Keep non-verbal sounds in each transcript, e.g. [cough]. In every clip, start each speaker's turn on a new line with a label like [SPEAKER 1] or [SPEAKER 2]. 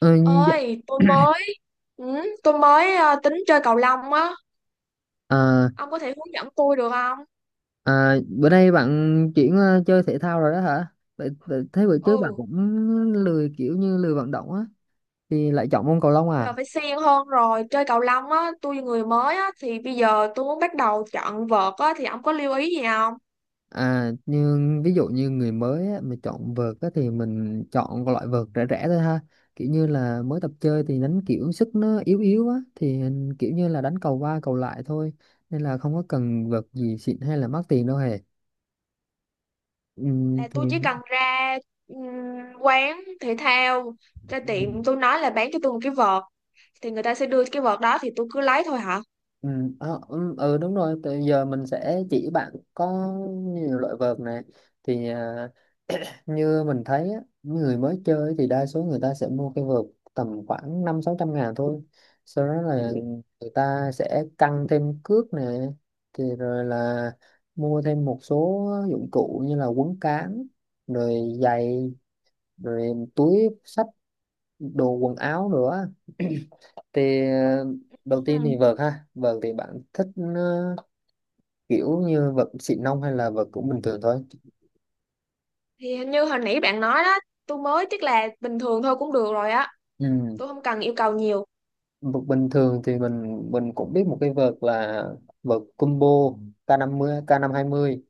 [SPEAKER 1] Ờ, dạ.
[SPEAKER 2] Ơi tôi mới ừ, tôi mới ờ, tính chơi cầu lông á.
[SPEAKER 1] à,
[SPEAKER 2] Ông có thể hướng dẫn tôi được không?
[SPEAKER 1] Bữa nay bạn chuyển chơi thể thao rồi đó hả? Vậy thế bữa trước bạn
[SPEAKER 2] Ừ,
[SPEAKER 1] cũng lười kiểu như lười vận động á thì lại chọn môn cầu lông
[SPEAKER 2] bây giờ
[SPEAKER 1] à?
[SPEAKER 2] phải siêng hơn rồi chơi cầu lông á. Tôi người mới á, thì bây giờ tôi muốn bắt đầu chọn vợt á, thì ông có lưu ý gì không?
[SPEAKER 1] À nhưng ví dụ như người mới á, mà chọn vợt á, thì mình chọn cái loại vợt rẻ rẻ thôi ha. Kiểu như là mới tập chơi thì đánh kiểu sức nó yếu yếu á thì kiểu như là đánh cầu qua cầu lại thôi, nên là không có cần vợt gì xịn hay là mắc tiền đâu hề. Ừ,
[SPEAKER 2] Là tôi
[SPEAKER 1] thì...
[SPEAKER 2] chỉ cần ra ừm, quán thể thao, ra tiệm tôi nói là bán cho tôi một cái vợt, thì người ta sẽ đưa cái vợt đó thì tôi cứ lấy thôi hả?
[SPEAKER 1] Ừ, Đúng rồi, từ giờ mình sẽ chỉ bạn có nhiều loại vợt này, thì à, như mình thấy á, người mới chơi thì đa số người ta sẽ mua cái vợt tầm khoảng năm sáu trăm ngàn thôi, sau đó là người ta sẽ căng thêm cước nè, thì rồi là mua thêm một số dụng cụ như là quấn cán, rồi giày, rồi túi xách, đồ quần áo nữa. [clears throat] thì ờ, đầu
[SPEAKER 2] Ừ.
[SPEAKER 1] tiên thì vợt ha, vợt thì bạn thích ờ, kiểu như vợt xịn nông hay là vợt cũng bình thường thôi?
[SPEAKER 2] Thì hình như hồi nãy bạn nói đó, tôi mới chắc là bình thường thôi cũng được rồi á,
[SPEAKER 1] Ừ.
[SPEAKER 2] tôi không cần yêu cầu nhiều.
[SPEAKER 1] Vợt bình thường thì mình cũng biết một cái vợt là vợt combo K50, k mươi ca năm hai mươi,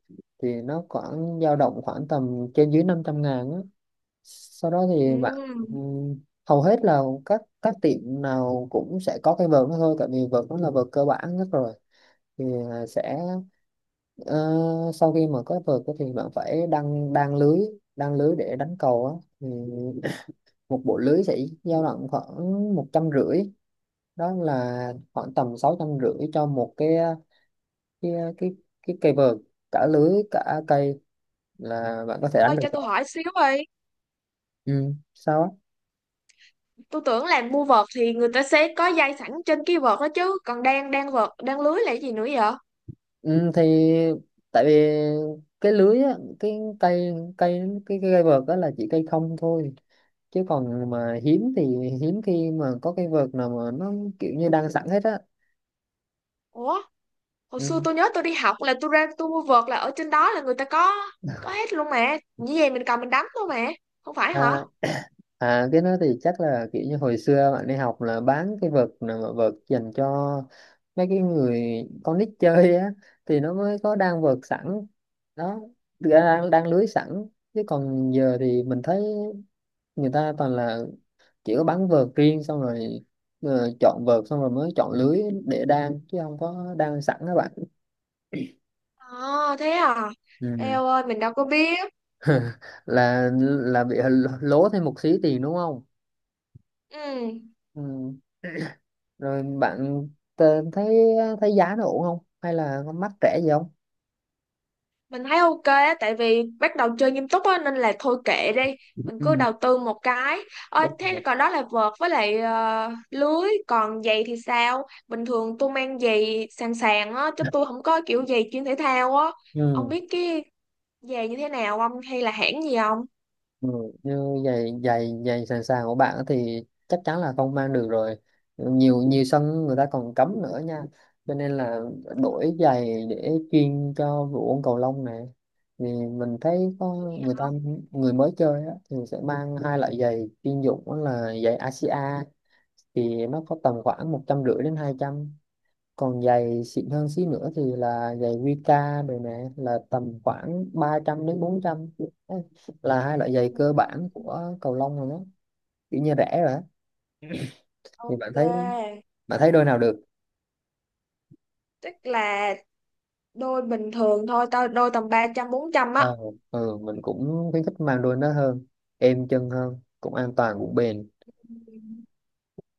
[SPEAKER 1] thì nó khoảng dao động khoảng tầm trên dưới 500 ngàn á. Sau đó thì bạn
[SPEAKER 2] Ừ.
[SPEAKER 1] ừm, hầu hết là các tiệm nào cũng sẽ có cái vợt đó thôi, tại vì vợt nó là vợt cơ bản nhất rồi. Thì à, sẽ ờ, Sau khi mà có vợt á thì bạn phải đăng đan lưới, đan lưới để đánh cầu á, thì một bộ lưới sẽ dao động khoảng một trăm rưỡi. Đó là khoảng tầm sáu trăm rưỡi cho một cái cái cái cây vợt, cả lưới cả cây là bạn có thể đánh
[SPEAKER 2] Ôi,
[SPEAKER 1] được
[SPEAKER 2] cho tôi
[SPEAKER 1] rồi.
[SPEAKER 2] hỏi xíu đi.
[SPEAKER 1] Ừ. Sao á?
[SPEAKER 2] Tôi tưởng làm mua vợt thì người ta sẽ có dây sẵn trên cái vợt đó chứ. Còn đang đang vợt, đang lưới là cái gì nữa vậy?
[SPEAKER 1] Ừ, thì tại vì cái lưới á, cái cây cây cái cây vợt đó là chỉ cây không thôi, chứ còn mà hiếm khi mà có cây vợt nào mà nó kiểu như đang sẵn hết á.
[SPEAKER 2] Ủa, hồi xưa
[SPEAKER 1] Ừ.
[SPEAKER 2] tôi nhớ tôi đi học là tôi ra tôi mua vợt là ở trên đó là người ta có hết luôn mà. Như vậy mình cầm mình đánh thôi mà. Không phải hả?
[SPEAKER 1] à, à, cái đó thì chắc là kiểu như hồi xưa bạn đi học là bán cái vợt nào mà vợt dành cho mấy cái người con nít chơi á, thì nó mới có đang vợt sẵn đó, đang lưới sẵn, chứ còn giờ thì mình thấy người ta toàn là chỉ có bắn vợt riêng, xong rồi chọn vợt xong rồi mới chọn lưới để đan chứ không có đan sẵn các bạn.
[SPEAKER 2] À, thế à?
[SPEAKER 1] Ừ.
[SPEAKER 2] Eo ơi, mình đâu có biết.
[SPEAKER 1] [laughs] Là Bị lố thêm một xí tiền đúng không.
[SPEAKER 2] Ừ,
[SPEAKER 1] Ừ. Rồi bạn thấy, thấy giá nó ổn không hay là có mắc rẻ gì không?
[SPEAKER 2] mình thấy ok á, tại vì bắt đầu chơi nghiêm túc á nên là thôi kệ đi, mình cứ
[SPEAKER 1] Ừ.
[SPEAKER 2] đầu tư một cái. Ôi
[SPEAKER 1] Đúng rồi.
[SPEAKER 2] thế còn đó là vợt với lại lưới, còn giày thì sao? Bình thường tôi mang giày sàn sàn á chứ tôi không có kiểu giày chuyên thể thao á. Ông
[SPEAKER 1] Ừ.
[SPEAKER 2] biết cái giày như thế nào không, hay là hãng gì không?
[SPEAKER 1] Ừ, như giày giày giày sàn sàn của bạn thì chắc chắn là không mang được rồi, nhiều nhiều sân người ta còn cấm nữa nha, cho nên là đổi giày để chuyên cho vụ ôn cầu lông này. Thì mình thấy có người ta người mới chơi á, thì sẽ mang hai loại giày chuyên dụng, đó là giày ASIA, thì nó có tầm khoảng một trăm rưỡi đến hai trăm. Còn giày xịn hơn xí nữa thì là giày Wika rồi nè, là tầm khoảng 300 đến 400. Đấy, là hai loại giày cơ bản
[SPEAKER 2] Ừ,
[SPEAKER 1] của cầu lông rồi đó, kiểu như rẻ rồi á, thì bạn thấy
[SPEAKER 2] ok.
[SPEAKER 1] đôi nào được?
[SPEAKER 2] Tức là đôi bình thường thôi, tao đôi tầm 300 400
[SPEAKER 1] Ờ, mình cũng khuyến khích mang đôi nó hơn, êm chân hơn, cũng an toàn cũng bền.
[SPEAKER 2] á.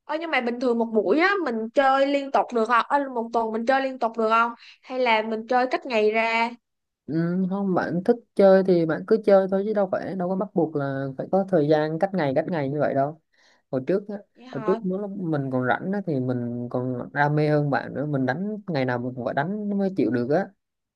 [SPEAKER 2] Ơ nhưng mà bình thường một buổi á mình chơi liên tục được không? Ơ một tuần mình chơi liên tục được không? Hay là mình chơi cách ngày ra?
[SPEAKER 1] Ừ, không, bạn thích chơi thì bạn cứ chơi thôi chứ đâu phải, đâu có bắt buộc là phải có thời gian cách ngày như vậy đâu. hồi trước á
[SPEAKER 2] Vậy
[SPEAKER 1] Hồi trước
[SPEAKER 2] hả?
[SPEAKER 1] nếu lúc mình còn rảnh á thì mình còn đam mê hơn bạn nữa, mình đánh ngày nào mình cũng phải đánh nó mới chịu được á,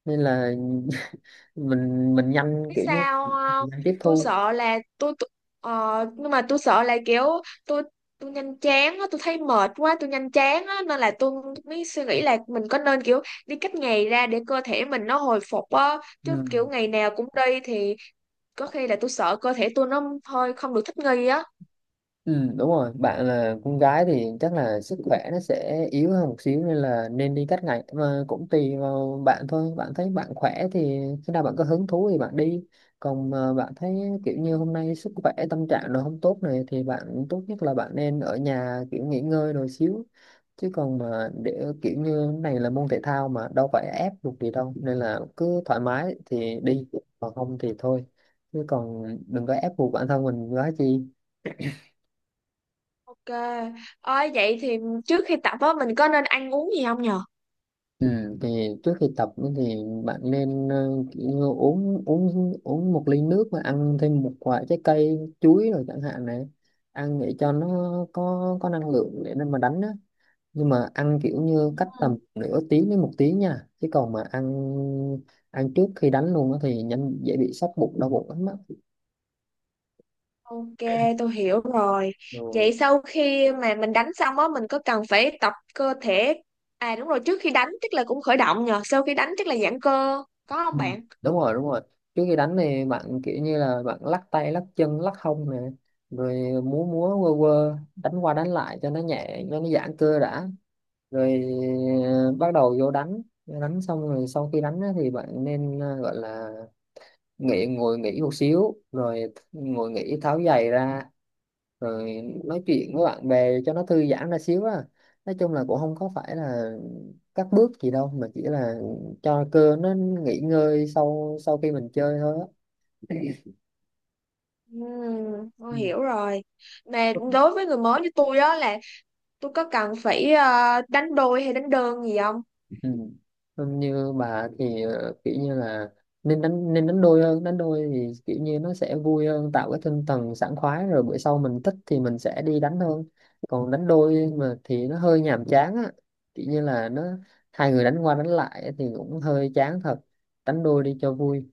[SPEAKER 1] nên là [laughs] mình nhanh
[SPEAKER 2] Biết
[SPEAKER 1] kiểu như
[SPEAKER 2] sao
[SPEAKER 1] mình
[SPEAKER 2] không?
[SPEAKER 1] nhanh tiếp
[SPEAKER 2] Tôi
[SPEAKER 1] thu.
[SPEAKER 2] sợ là tôi- ờ, nhưng mà tôi sợ là kiểu tôi tôi nhanh chán á, tôi thấy mệt quá, tôi nhanh chán á nên là tôi mới suy nghĩ là mình có nên kiểu đi cách ngày ra để cơ thể mình nó hồi phục á, chứ kiểu
[SPEAKER 1] Ừ.
[SPEAKER 2] ngày nào cũng đi thì có khi là tôi sợ cơ thể tôi nó hơi không được thích nghi á.
[SPEAKER 1] Ừ, đúng rồi, bạn là con gái thì chắc là sức khỏe nó sẽ yếu hơn một xíu, nên là nên đi các ngành mà cũng tùy vào bạn thôi, bạn thấy bạn khỏe thì khi nào bạn có hứng thú thì bạn đi, còn mà bạn thấy kiểu như hôm nay sức khỏe tâm trạng nó không tốt này thì bạn tốt nhất là bạn nên ở nhà kiểu nghỉ ngơi rồi xíu. Chứ còn mà để kiểu như này là môn thể thao mà đâu phải ép buộc gì đâu, nên là cứ thoải mái thì đi còn không thì thôi, chứ còn đừng có ép buộc bản thân mình quá chi.
[SPEAKER 2] Ok. Ôi vậy thì trước khi tập á mình có nên ăn uống gì không nhờ?
[SPEAKER 1] Ừ, thì trước khi tập ấy thì bạn nên kiểu như uống uống uống một ly nước và ăn thêm một quả trái cây, chuối rồi chẳng hạn này, ăn để cho nó có năng lượng để nên mà đánh á. Nhưng mà ăn kiểu như cách tầm
[SPEAKER 2] Ừ.
[SPEAKER 1] nửa tiếng đến một tiếng nha, chứ còn mà ăn ăn trước khi đánh luôn á thì nhanh dễ bị sắp bụng đau bụng lắm á.
[SPEAKER 2] Ok, tôi hiểu rồi. Vậy sau khi mà mình đánh xong á mình có cần phải tập cơ thể. À đúng rồi, trước khi đánh chắc là cũng khởi động nhờ, sau khi đánh chắc là giãn cơ, có không
[SPEAKER 1] Ừ.
[SPEAKER 2] bạn?
[SPEAKER 1] Đúng rồi, trước khi đánh thì bạn kiểu như là bạn lắc tay lắc chân lắc hông nè, rồi múa múa quơ quơ đánh qua đánh lại cho nó nhẹ, cho nó giãn cơ đã. rồi Bắt đầu vô đánh, đánh xong rồi sau khi đánh á thì bạn nên gọi là ngồi nghỉ một xíu, rồi ngồi nghỉ tháo giày ra, rồi nói chuyện với bạn bè cho nó thư giãn ra xíu á. Nói chung là cũng không có phải là các bước gì đâu, mà chỉ là cho cơ nó nghỉ ngơi sau sau khi mình chơi thôi á.
[SPEAKER 2] Ừ,
[SPEAKER 1] Ừ.
[SPEAKER 2] tôi hiểu rồi. Mà đối với người mới như tôi á, là tôi có cần phải đánh đôi hay đánh đơn gì không?
[SPEAKER 1] Ừ. Không, như bà thì kiểu như là nên đánh đôi hơn, đánh đôi thì kiểu như nó sẽ vui hơn, tạo cái tinh thần sảng khoái, rồi bữa sau mình thích thì mình sẽ đi đánh hơn. Còn đánh đôi mà thì nó hơi nhàm chán á, kiểu như là nó hai người đánh qua đánh lại thì cũng hơi chán thật, đánh đôi đi cho vui.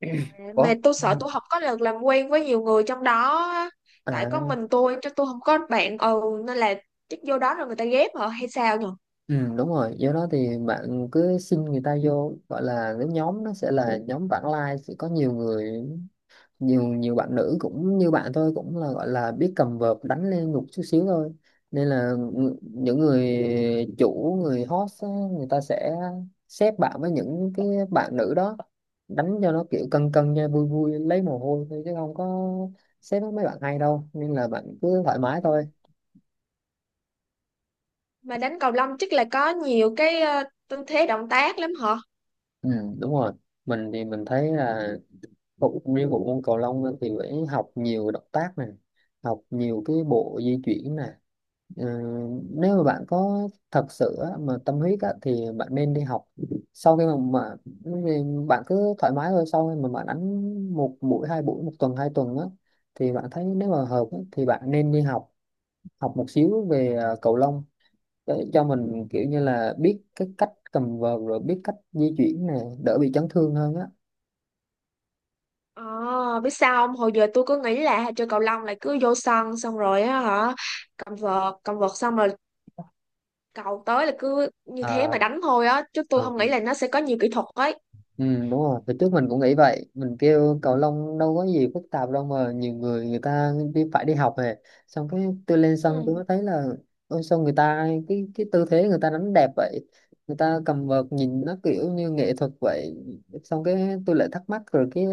[SPEAKER 1] [clears throat] Ủa?
[SPEAKER 2] Mà tôi sợ
[SPEAKER 1] Vâng.
[SPEAKER 2] tôi không có được làm quen với nhiều người trong đó á. Tại
[SPEAKER 1] À,
[SPEAKER 2] có mình tôi chứ tôi không có bạn, ừ, nên là chắc vô đó rồi người ta ghép hả hay sao nhỉ?
[SPEAKER 1] ừ, Đúng rồi. Do đó thì bạn cứ xin người ta vô, gọi là cái nhóm nó sẽ là nhóm vãng lai sẽ có nhiều người, nhiều nhiều bạn nữ cũng như bạn tôi cũng là gọi là biết cầm vợt đánh lên nhục chút xíu thôi. Nên là những người chủ, người host á, người ta sẽ xếp bạn với những cái bạn nữ đó đánh cho nó kiểu cân cân cho vui vui lấy mồ hôi thôi, chứ không có xếp với mấy bạn hay đâu, nên là bạn cứ thoải mái
[SPEAKER 2] Ừ.
[SPEAKER 1] thôi.
[SPEAKER 2] Mà đánh cầu lông chắc là có nhiều cái tư thế động tác lắm hả?
[SPEAKER 1] Ừ, đúng rồi, mình thấy là nguyên bộ môn cầu lông á, thì phải học nhiều động tác này, học nhiều cái bộ di chuyển này. Ờ, nếu mà bạn có thật sự á, mà tâm huyết á, thì bạn nên đi học sau khi mà vì bạn cứ thoải mái thôi. Sau khi mà bạn đánh một buổi hai buổi một tuần hai tuần á thì bạn thấy nếu mà hợp á, thì bạn nên đi học, học một xíu về cầu lông, để cho mình kiểu như là biết cái cách cầm vợt, rồi biết cách di chuyển này, đỡ bị chấn thương hơn á.
[SPEAKER 2] Ờ biết sao không, hồi giờ tôi cứ nghĩ là chơi cầu lông là cứ vô sân xong rồi á hả, cầm vợt xong rồi cầu tới là cứ như thế
[SPEAKER 1] à,
[SPEAKER 2] mà đánh thôi á, chứ tôi
[SPEAKER 1] à.
[SPEAKER 2] không nghĩ là nó sẽ có nhiều kỹ thuật ấy.
[SPEAKER 1] Ừ, đúng rồi, từ trước mình cũng nghĩ vậy. Mình kêu cầu lông đâu có gì phức tạp đâu mà, nhiều người người ta đi phải đi học về. Xong cái tôi lên sân
[SPEAKER 2] Ừ.
[SPEAKER 1] tôi mới thấy là: ôi sao người ta cái tư thế người ta đánh đẹp vậy, người ta cầm vợt nhìn nó kiểu như nghệ thuật vậy. Xong cái tôi lại thắc mắc rồi, cái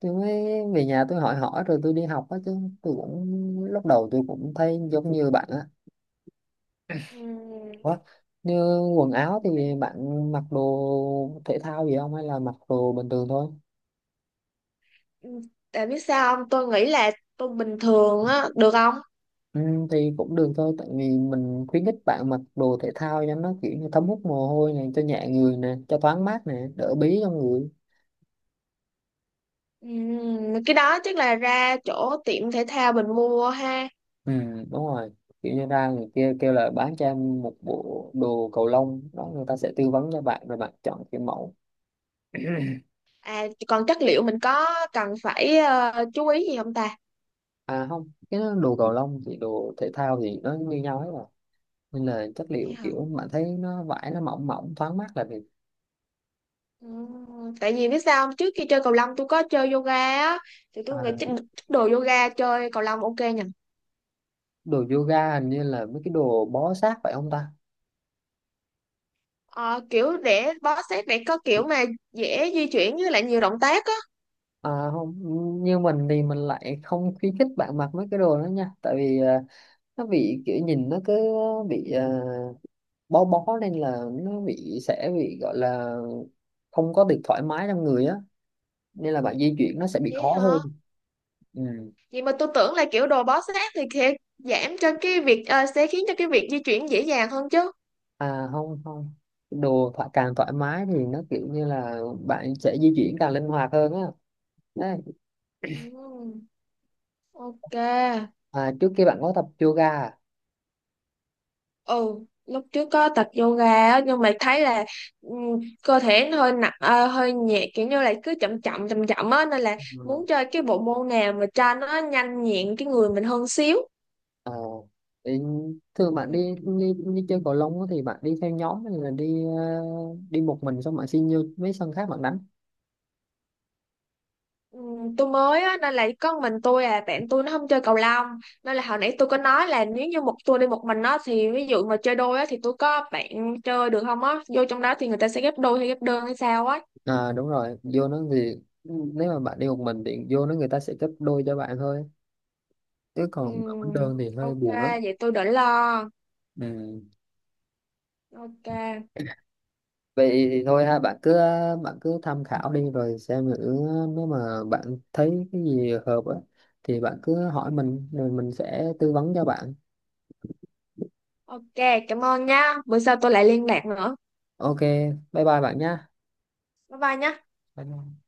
[SPEAKER 1] tôi mới về nhà tôi hỏi hỏi rồi tôi đi học á chứ. Tôi cũng Lúc đầu tôi cũng thấy giống như bạn á.
[SPEAKER 2] Ừ.
[SPEAKER 1] Ủa, như quần áo thì bạn mặc đồ thể thao gì không hay là mặc đồ bình thường thôi?
[SPEAKER 2] Ừ, tại biết sao không? Tôi nghĩ là tôi bình thường á, được không?
[SPEAKER 1] Ừ, thì cũng được thôi, tại vì mình khuyến khích bạn mặc đồ thể thao cho nó kiểu như thấm hút mồ hôi này, cho nhẹ người nè, cho thoáng mát nè, đỡ bí trong người.
[SPEAKER 2] Cái đó chắc là ra chỗ tiệm thể thao mình mua ha.
[SPEAKER 1] Ừ, đúng rồi, kiểu như ra người kia kêu là bán cho em một bộ đồ cầu lông đó, người ta sẽ tư vấn cho bạn rồi bạn chọn cái mẫu.
[SPEAKER 2] À, còn chất liệu mình có cần phải chú ý gì không ta?
[SPEAKER 1] À không, cái đó đồ cầu lông thì đồ thể thao thì nó như nhau hết rồi, nên là chất
[SPEAKER 2] Vậy
[SPEAKER 1] liệu
[SPEAKER 2] hả?
[SPEAKER 1] kiểu bạn thấy nó vải nó mỏng mỏng thoáng mát là được.
[SPEAKER 2] Tại vì biết sao không? Trước khi chơi cầu lông tôi có chơi yoga á, thì
[SPEAKER 1] À,
[SPEAKER 2] tôi nghĩ chắc chắc đồ yoga chơi cầu lông ok nhỉ?
[SPEAKER 1] đồ yoga hình như là mấy cái đồ bó sát phải không ta?
[SPEAKER 2] Ờ, kiểu để bó sát để có kiểu mà dễ di chuyển với lại nhiều động tác á.
[SPEAKER 1] À, không, như mình thì mình lại không khuyến khích bạn mặc mấy cái đồ đó nha, tại vì nó bị kiểu nhìn nó cứ bị bó bó, nên là nó bị, sẽ bị gọi là không có được thoải mái trong người á, nên là bạn di chuyển nó sẽ bị
[SPEAKER 2] Vậy
[SPEAKER 1] khó hơn.
[SPEAKER 2] hả?
[SPEAKER 1] Ừ.
[SPEAKER 2] Vậy mà tôi tưởng là kiểu đồ bó sát thì sẽ giảm cho cái việc sẽ khiến cho cái việc di chuyển dễ dàng hơn chứ.
[SPEAKER 1] À không không, đồ càng thoải mái thì nó kiểu như là bạn sẽ di chuyển càng linh hoạt hơn á. Đấy.
[SPEAKER 2] Ừm, ok.
[SPEAKER 1] À, trước kia bạn có tập yoga à?
[SPEAKER 2] Ừ, lúc trước có tập yoga á, nhưng mà thấy là cơ thể nó hơi nặng hơi nhẹ kiểu như là cứ chậm chậm chậm chậm á nên là
[SPEAKER 1] Ừ.
[SPEAKER 2] muốn chơi cái bộ môn nào mà cho nó nhanh nhẹn cái người mình hơn xíu.
[SPEAKER 1] Ờ, thì Thường bạn
[SPEAKER 2] Ừ.
[SPEAKER 1] đi, đi chơi cầu lông á thì bạn đi theo nhóm hay là đi đi một mình xong bạn xin vô mấy sân khác bạn đánh?
[SPEAKER 2] Ừ, tôi mới á, nên là chỉ có mình tôi, à, bạn tôi nó không chơi cầu lông, nên là hồi nãy tôi có nói là nếu như một tôi đi một mình á thì ví dụ mà chơi đôi á thì tôi có bạn chơi được không á, vô trong đó thì người ta sẽ ghép đôi hay ghép đơn hay sao á?
[SPEAKER 1] À đúng rồi, vô nó thì nếu mà bạn đi một mình thì vô nó người ta sẽ gấp đôi cho bạn thôi, chứ
[SPEAKER 2] Ừ,
[SPEAKER 1] còn đánh đơn thì hơi
[SPEAKER 2] ok,
[SPEAKER 1] buồn lắm.
[SPEAKER 2] vậy tôi đỡ lo.
[SPEAKER 1] Ừ.
[SPEAKER 2] Ok.
[SPEAKER 1] Vậy thì thôi ha, bạn cứ tham khảo đi rồi xem thử, nếu mà bạn thấy cái gì hợp á thì bạn cứ hỏi mình rồi mình sẽ tư vấn cho bạn.
[SPEAKER 2] Ok, cảm ơn nha, bữa sau tôi lại liên lạc nữa.
[SPEAKER 1] Ok, bye bye bạn nha.
[SPEAKER 2] Bye bye nhá.
[SPEAKER 1] Bye bye.